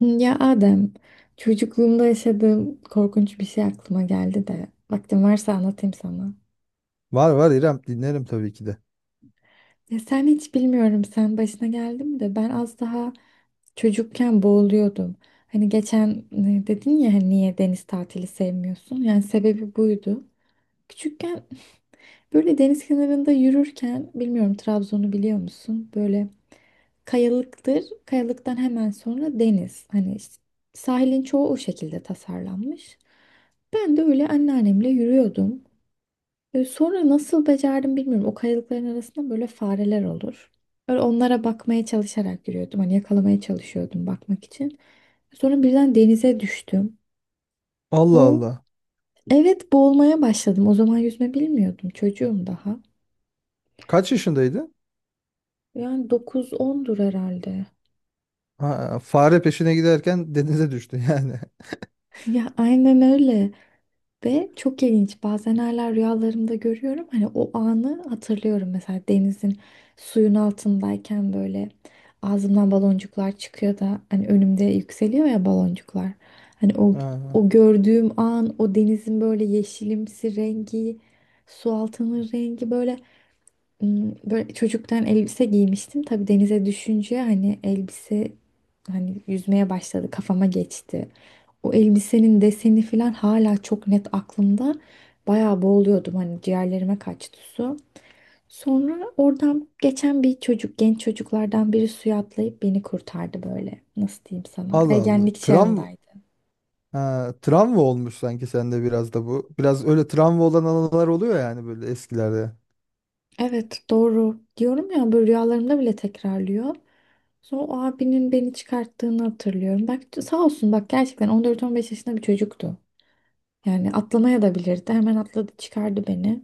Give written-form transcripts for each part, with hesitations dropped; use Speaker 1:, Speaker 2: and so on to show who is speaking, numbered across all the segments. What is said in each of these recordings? Speaker 1: Ya Adem, çocukluğumda yaşadığım korkunç bir şey aklıma geldi de vaktin varsa anlatayım sana.
Speaker 2: Var var İrem, dinlerim tabii ki de.
Speaker 1: Ya sen hiç bilmiyorum, sen başına geldi mi de ben az daha çocukken boğuluyordum. Hani geçen dedin ya hani niye deniz tatili sevmiyorsun? Yani sebebi buydu. Küçükken böyle deniz kenarında yürürken bilmiyorum Trabzon'u biliyor musun? Böyle kayalıktır. Kayalıktan hemen sonra deniz. Hani işte sahilin çoğu o şekilde tasarlanmış. Ben de öyle anneannemle yürüyordum. Sonra nasıl becerdim bilmiyorum. O kayalıkların arasında böyle fareler olur. Böyle onlara bakmaya çalışarak yürüyordum. Hani yakalamaya çalışıyordum bakmak için. Sonra birden denize düştüm.
Speaker 2: Allah
Speaker 1: O,
Speaker 2: Allah.
Speaker 1: evet, boğulmaya başladım. O zaman yüzme bilmiyordum. Çocuğum daha.
Speaker 2: Kaç yaşındaydı?
Speaker 1: Yani dokuz ondur herhalde.
Speaker 2: Ha, fare peşine giderken denize düştü yani.
Speaker 1: Ya aynen öyle. Ve çok ilginç. Bazen hala rüyalarımda görüyorum. Hani o anı hatırlıyorum. Mesela denizin, suyun altındayken böyle ağzımdan baloncuklar çıkıyor da hani önümde yükseliyor ya baloncuklar. Hani o
Speaker 2: Ha,
Speaker 1: o gördüğüm an, o denizin böyle yeşilimsi rengi, su altının rengi böyle. Böyle çocuktan elbise giymiştim. Tabii denize düşünce hani elbise, hani yüzmeye başladı, kafama geçti. O elbisenin deseni falan hala çok net aklımda. Bayağı boğuluyordum, hani ciğerlerime kaçtı su. Sonra oradan geçen bir çocuk, genç çocuklardan biri suya atlayıp beni kurtardı böyle. Nasıl diyeyim sana?
Speaker 2: Allah Allah.
Speaker 1: Ergenlik çağındaydım.
Speaker 2: Travma olmuş sanki sende biraz da bu. Biraz öyle travma olan anılar oluyor yani böyle eskilerde.
Speaker 1: Evet, doğru. Diyorum ya, böyle rüyalarımda bile tekrarlıyor. Sonra o abinin beni çıkarttığını hatırlıyorum. Bak sağ olsun, bak gerçekten 14-15 yaşında bir çocuktu. Yani atlamaya da bilirdi. Hemen atladı, çıkardı beni.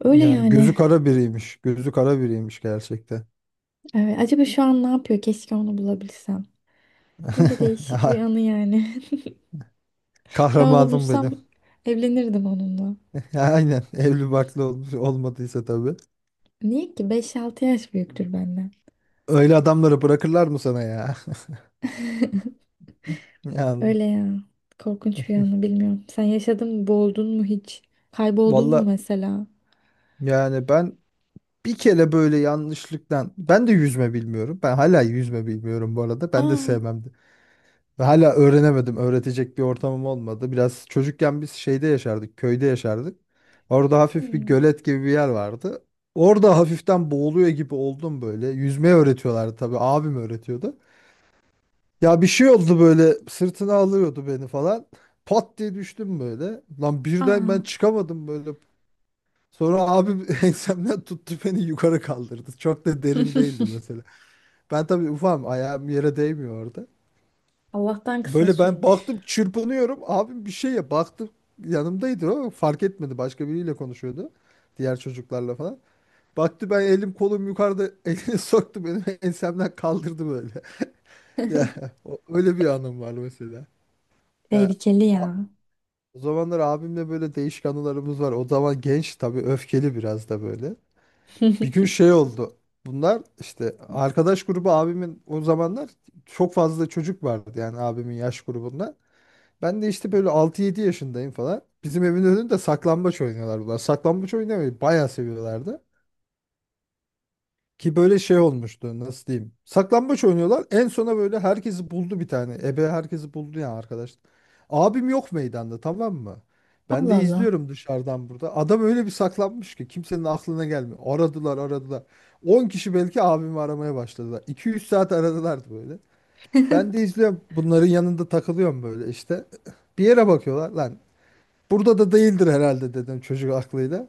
Speaker 1: Öyle
Speaker 2: Yani gözü
Speaker 1: yani.
Speaker 2: kara biriymiş. Gözü kara biriymiş gerçekten.
Speaker 1: Evet, acaba şu an ne yapıyor? Keşke onu bulabilsem. Böyle değişik bir
Speaker 2: Ha,
Speaker 1: anı yani. Şu an onu
Speaker 2: kahramanım
Speaker 1: bulsam
Speaker 2: benim.
Speaker 1: evlenirdim onunla.
Speaker 2: Ya, aynen. Evli barklı olmuş olmadıysa tabii.
Speaker 1: Niye ki? 5-6 yaş büyüktür benden.
Speaker 2: Öyle adamları bırakırlar mı sana ya? Yani,
Speaker 1: Öyle ya. Korkunç bir anı, bilmiyorum. Sen yaşadın mı? Boğuldun mu hiç? Kayboldun mu
Speaker 2: valla,
Speaker 1: mesela?
Speaker 2: yani bir kere böyle yanlışlıktan ben de yüzme bilmiyorum. Ben hala yüzme bilmiyorum bu arada. Ben de
Speaker 1: Aa.
Speaker 2: sevmemdi. Ve hala öğrenemedim. Öğretecek bir ortamım olmadı. Biraz çocukken biz şeyde yaşardık, köyde yaşardık. Orada hafif bir
Speaker 1: Hmm.
Speaker 2: gölet gibi bir yer vardı. Orada hafiften boğuluyor gibi oldum böyle. Yüzmeyi öğretiyorlardı tabii. Abim öğretiyordu. Ya bir şey oldu böyle, sırtına alıyordu beni falan. Pat diye düştüm böyle. Lan birden ben
Speaker 1: Aa.
Speaker 2: çıkamadım böyle. Sonra abim ensemden tuttu, beni yukarı kaldırdı. Çok da derin değildi mesela. Ben tabii ufam, ayağım yere değmiyor orada.
Speaker 1: Allah'tan kısa
Speaker 2: Böyle ben
Speaker 1: sürmüş.
Speaker 2: baktım çırpınıyorum. Abim bir şeye baktı, yanımdaydı o, fark etmedi. Başka biriyle konuşuyordu. Diğer çocuklarla falan. Baktı ben elim kolum yukarıda, elini soktu benim ensemden, kaldırdı böyle. Ya öyle bir anım var mesela. Ya
Speaker 1: Tehlikeli
Speaker 2: a-
Speaker 1: ya.
Speaker 2: O zamanlar abimle böyle değişik anılarımız var. O zaman genç tabii, öfkeli biraz da böyle. Bir gün şey oldu. Bunlar işte arkadaş grubu abimin, o zamanlar çok fazla çocuk vardı yani abimin yaş grubunda. Ben de işte böyle altı yedi yaşındayım falan. Bizim evin önünde saklambaç oynuyorlar bunlar. Saklambaç oynamayı bayağı seviyorlardı. Ki böyle şey olmuştu, nasıl diyeyim. Saklambaç oynuyorlar. En sona böyle herkesi buldu bir tane. Ebe herkesi buldu ya arkadaş. Abim yok meydanda, tamam mı? Ben de
Speaker 1: Allah Allah.
Speaker 2: izliyorum dışarıdan burada. Adam öyle bir saklanmış ki kimsenin aklına gelmiyor. Aradılar aradılar. On kişi belki abimi aramaya başladılar. 200 saat aradılardı böyle. Ben de izliyorum. Bunların yanında takılıyorum böyle işte. Bir yere bakıyorlar lan. Burada da değildir herhalde dedim çocuk aklıyla.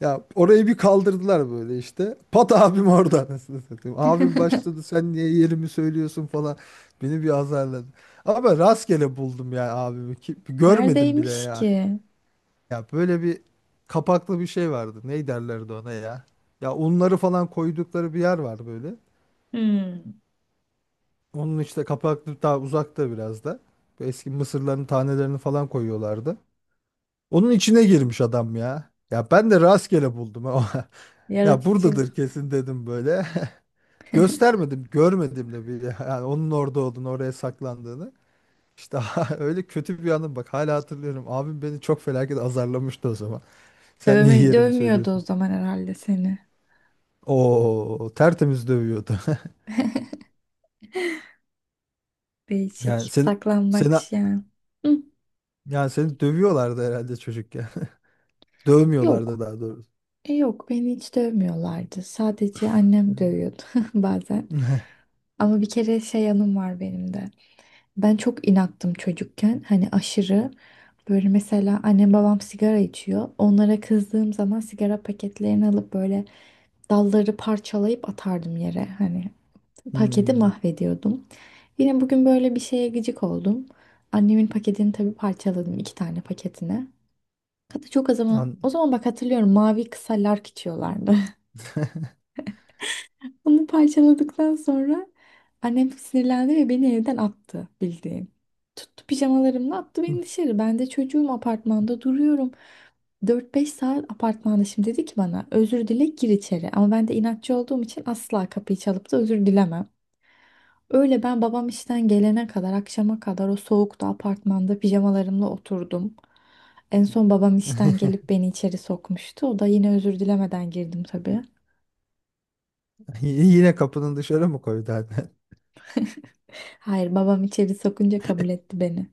Speaker 2: Ya orayı bir kaldırdılar böyle işte. Pat, abim orada. Anasını satayım. Abim başladı, sen niye yerimi söylüyorsun falan. Beni bir azarladı. Ama rastgele buldum ya abimi. Ki görmedim bile
Speaker 1: Neredeymiş
Speaker 2: ya.
Speaker 1: ki?
Speaker 2: Ya böyle bir kapaklı bir şey vardı. Ne derlerdi ona ya? Ya unları falan koydukları bir yer var böyle.
Speaker 1: Hmm.
Speaker 2: Onun işte, kapaklı, daha uzakta biraz da. Bu eski mısırların tanelerini falan koyuyorlardı. Onun içine girmiş adam ya. Ya ben de rastgele buldum ha. Ya
Speaker 1: Yaratıcı.
Speaker 2: buradadır kesin dedim böyle. Göstermedim, görmedim de bile. Yani onun orada olduğunu, oraya saklandığını. İşte öyle kötü bir anım, bak hala hatırlıyorum. Abim beni çok felaket azarlamıştı o zaman. Sen niye
Speaker 1: Dövme,
Speaker 2: yerimi
Speaker 1: dövmüyordu o
Speaker 2: söylüyorsun?
Speaker 1: zaman herhalde seni.
Speaker 2: Oo, tertemiz dövüyordu. Yani
Speaker 1: Değişik.
Speaker 2: seni seni
Speaker 1: Saklambaç yani. Hı.
Speaker 2: yani seni dövüyorlardı herhalde çocukken. Dövmüyorlardı
Speaker 1: Yok.
Speaker 2: daha doğrusu.
Speaker 1: Yok, beni hiç dövmüyorlardı. Sadece annem
Speaker 2: Hmm.
Speaker 1: dövüyordu bazen. Ama bir kere şey anım var benim de. Ben çok inattım çocukken. Hani aşırı böyle, mesela annem babam sigara içiyor. Onlara kızdığım zaman sigara paketlerini alıp böyle dalları parçalayıp atardım yere. Hani paketi
Speaker 2: Hmm,
Speaker 1: mahvediyordum. Yine bugün böyle bir şeye gıcık oldum. Annemin paketini tabii parçaladım, iki tane paketine. Hatta çok az zaman, o
Speaker 2: An-
Speaker 1: zaman bak hatırlıyorum mavi kısa lark içiyorlardı. Bunu parçaladıktan sonra annem sinirlendi ve beni evden attı bildiğin. Tuttu pijamalarımla attı beni dışarı. Ben de çocuğum, apartmanda duruyorum. Dört beş saat apartmanda, şimdi dedi ki bana özür dile gir içeri. Ama ben de inatçı olduğum için asla kapıyı çalıp da özür dilemem. Öyle, ben babam işten gelene kadar, akşama kadar o soğukta apartmanda pijamalarımla oturdum. En son babam işten gelip beni içeri sokmuştu. O da yine özür dilemeden girdim tabii.
Speaker 2: Yine kapının dışarı mı koydu annen?
Speaker 1: Hayır, babam içeri sokunca kabul etti beni.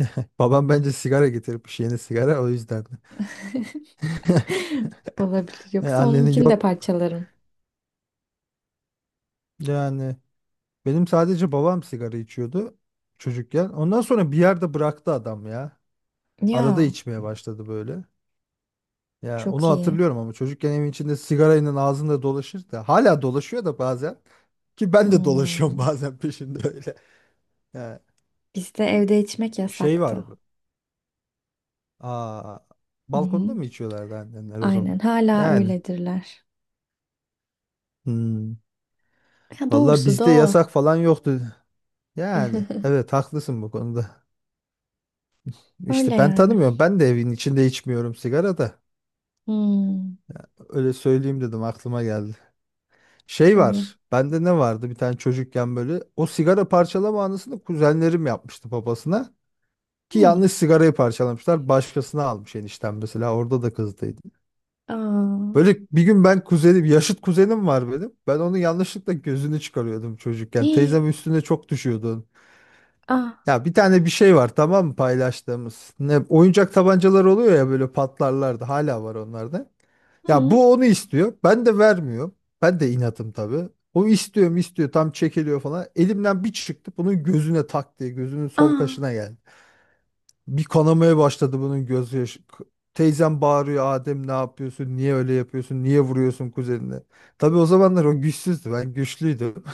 Speaker 2: Babam bence sigara getirmiş, yeni sigara, o yüzden.
Speaker 1: Olabilir. Yoksa
Speaker 2: Annenin
Speaker 1: onunkini de
Speaker 2: yok.
Speaker 1: parçalarım.
Speaker 2: Yani benim sadece babam sigara içiyordu çocukken. Ondan sonra bir yerde bıraktı adam ya. Arada
Speaker 1: Ya
Speaker 2: içmeye başladı böyle. Ya onu
Speaker 1: çok iyi.
Speaker 2: hatırlıyorum ama, çocukken evin içinde sigarayla ağzında dolaşır, da hala dolaşıyor da bazen, ki ben de
Speaker 1: Hmm.
Speaker 2: dolaşıyorum bazen peşinde öyle. Ya
Speaker 1: Bizde evde içmek
Speaker 2: şey
Speaker 1: yasaktı.
Speaker 2: var bu. Aa,
Speaker 1: Hı
Speaker 2: balkonda
Speaker 1: hı.
Speaker 2: mı içiyorlardı annenler o zaman?
Speaker 1: Aynen, hala
Speaker 2: Yani.
Speaker 1: öyledirler.
Speaker 2: Hmm.
Speaker 1: Ya
Speaker 2: Vallahi
Speaker 1: doğrusu da
Speaker 2: bizde
Speaker 1: o.
Speaker 2: yasak falan yoktu. Yani evet, haklısın bu konuda.
Speaker 1: Öyle
Speaker 2: İşte ben
Speaker 1: yani.
Speaker 2: tanımıyorum. Ben de evin içinde içmiyorum sigara da.
Speaker 1: Hmm.
Speaker 2: Öyle söyleyeyim dedim, aklıma geldi. Şey
Speaker 1: İyi.
Speaker 2: var. Bende ne vardı bir tane çocukken böyle. O sigara parçalama anısını kuzenlerim yapmıştı babasına. Ki
Speaker 1: Hmm.
Speaker 2: yanlış sigarayı parçalamışlar. Başkasına almış enişten mesela. Orada da kızdıydı.
Speaker 1: Aa.
Speaker 2: Böyle bir gün ben, kuzenim, yaşıt kuzenim var benim. Ben onun yanlışlıkla gözünü çıkarıyordum çocukken.
Speaker 1: Hii.
Speaker 2: Teyzem üstüne çok düşüyordu.
Speaker 1: Aa.
Speaker 2: Ya bir tane bir şey var tamam mı paylaştığımız. Ne, oyuncak tabancalar oluyor ya böyle, patlarlardı. Hala var onlarda. Ya
Speaker 1: Hmm.
Speaker 2: bu onu istiyor. Ben de vermiyorum. Ben de inatım tabii. O istiyorum istiyor, tam çekiliyor falan. Elimden bir çıktı bunun gözüne, tak diye gözünün sol
Speaker 1: Aa.
Speaker 2: kaşına geldi. Bir kanamaya başladı bunun göz yaşı. Teyzem bağırıyor, Adem ne yapıyorsun? Niye öyle yapıyorsun? Niye vuruyorsun kuzenine? Tabii o zamanlar o güçsüzdü. Ben güçlüydüm.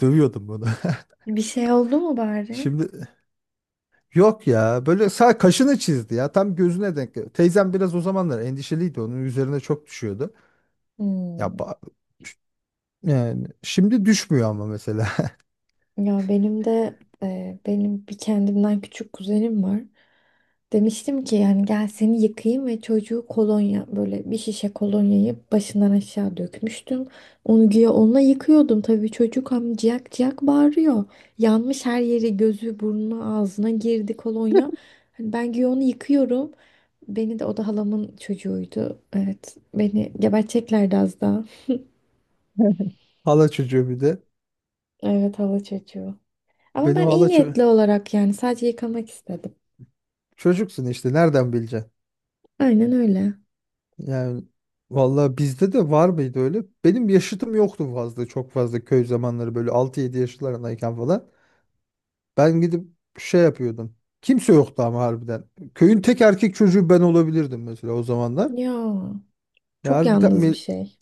Speaker 2: Dövüyordum bunu.
Speaker 1: Bir şey oldu mu bari?
Speaker 2: Şimdi yok ya, böyle sağ kaşını çizdi ya, tam gözüne denk geldi. Teyzem biraz o zamanlar endişeliydi, onun üzerine çok düşüyordu. Ya
Speaker 1: Hmm.
Speaker 2: ba- Yani şimdi düşmüyor ama mesela.
Speaker 1: Ya benim de benim bir kendimden küçük kuzenim var. Demiştim ki yani gel seni yıkayayım ve çocuğu kolonya, böyle bir şişe kolonyayı başından aşağı dökmüştüm. Onu güya onunla yıkıyordum, tabii çocuk hem ciyak ciyak bağırıyor. Yanmış her yeri, gözü burnu ağzına girdi kolonya. Hani ben güya onu yıkıyorum. Beni de, o da halamın çocuğuydu. Evet, beni geberteceklerdi az daha.
Speaker 2: Hala çocuğu bir de.
Speaker 1: Evet, hala çocuğu. Ama
Speaker 2: Benim
Speaker 1: ben iyi
Speaker 2: hala ço-
Speaker 1: niyetli olarak yani sadece yıkamak istedim.
Speaker 2: Çocuksun işte, nereden bileceksin?
Speaker 1: Aynen öyle.
Speaker 2: Yani vallahi bizde de var mıydı öyle? Benim yaşıtım yoktu fazla, çok fazla köy zamanları böyle 6-7 yaşlarındayken falan. Ben gidip şey yapıyordum. Kimse yoktu ama harbiden. Köyün tek erkek çocuğu ben olabilirdim mesela o zamanlar.
Speaker 1: Ya
Speaker 2: Ya
Speaker 1: çok yalnız bir şey.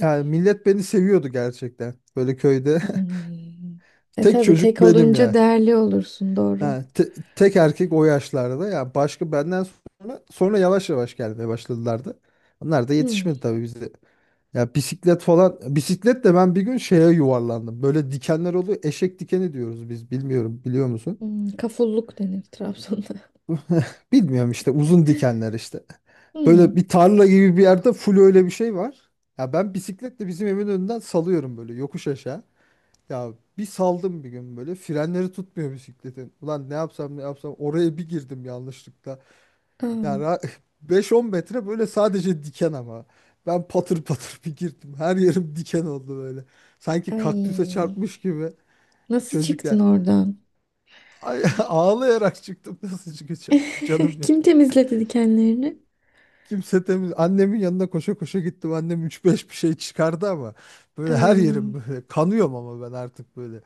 Speaker 2: yani millet beni seviyordu gerçekten. Böyle köyde
Speaker 1: Hmm. E
Speaker 2: tek
Speaker 1: tabii
Speaker 2: çocuk
Speaker 1: tek
Speaker 2: benim
Speaker 1: olunca
Speaker 2: ya.
Speaker 1: değerli olursun, doğru.
Speaker 2: Ha, tek erkek o yaşlarda ya, başka benden sonra sonra yavaş yavaş gelmeye başladılardı. Onlar da
Speaker 1: Hmm.
Speaker 2: yetişmedi tabii bize. Ya bisiklet falan, bisikletle ben bir gün şeye yuvarlandım. Böyle dikenler oluyor. Eşek dikeni diyoruz biz. Bilmiyorum, biliyor musun?
Speaker 1: Hmm, Kafulluk denir Trabzon'da.
Speaker 2: Bilmiyorum işte, uzun dikenler işte.
Speaker 1: Hmm.
Speaker 2: Böyle bir tarla gibi bir yerde full öyle bir şey var. Ya ben bisikletle bizim evin önünden salıyorum böyle yokuş aşağı. Ya bir saldım bir gün böyle, frenleri tutmuyor bisikletin. Ulan ne yapsam ne yapsam, oraya bir girdim yanlışlıkla. Yani
Speaker 1: Aa,
Speaker 2: ra- 5-10 metre böyle sadece diken ama. Ben patır patır bir girdim. Her yerim diken oldu böyle. Sanki kaktüse
Speaker 1: ay.
Speaker 2: çarpmış gibi.
Speaker 1: Nasıl
Speaker 2: Çocuk
Speaker 1: çıktın
Speaker 2: ya.
Speaker 1: oradan?
Speaker 2: Ay, ağlayarak çıktım. Nasıl çıkacağım? Canım ya.
Speaker 1: Kim temizledi dikenlerini?
Speaker 2: Kimse temiz. Annemin yanına koşa koşa gittim. Annem üç beş bir şey çıkardı ama. Böyle her yerim
Speaker 1: Ay,
Speaker 2: böyle. Kanıyorum ama ben artık böyle.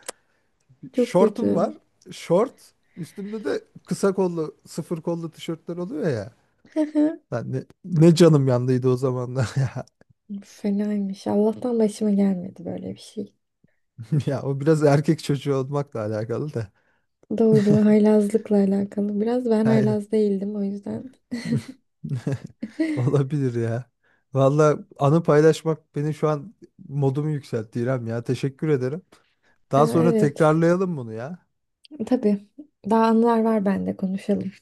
Speaker 1: çok
Speaker 2: Şortum
Speaker 1: kötü.
Speaker 2: var. Şort. Üstümde de kısa kollu, sıfır kollu tişörtler oluyor ya. Ben ne, ne canım yandıydı o zamanlar ya.
Speaker 1: Fenaymış. Allah'tan başıma gelmedi böyle bir şey.
Speaker 2: Ya o biraz erkek çocuğu olmakla alakalı da.
Speaker 1: Doğru, haylazlıkla alakalı. Biraz ben
Speaker 2: Yani
Speaker 1: haylaz değildim o yüzden.
Speaker 2: olabilir ya. Valla anı paylaşmak beni şu an modumu yükseltti İrem ya. Teşekkür ederim. Daha
Speaker 1: Aa,
Speaker 2: sonra
Speaker 1: evet,
Speaker 2: tekrarlayalım bunu ya.
Speaker 1: tabii. Daha anılar var bende, konuşalım.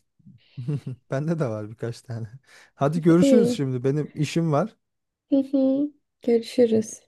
Speaker 2: Bende de var birkaç tane. Hadi görüşürüz
Speaker 1: İyi.
Speaker 2: şimdi. Benim işim var.
Speaker 1: Hı hı. Görüşürüz.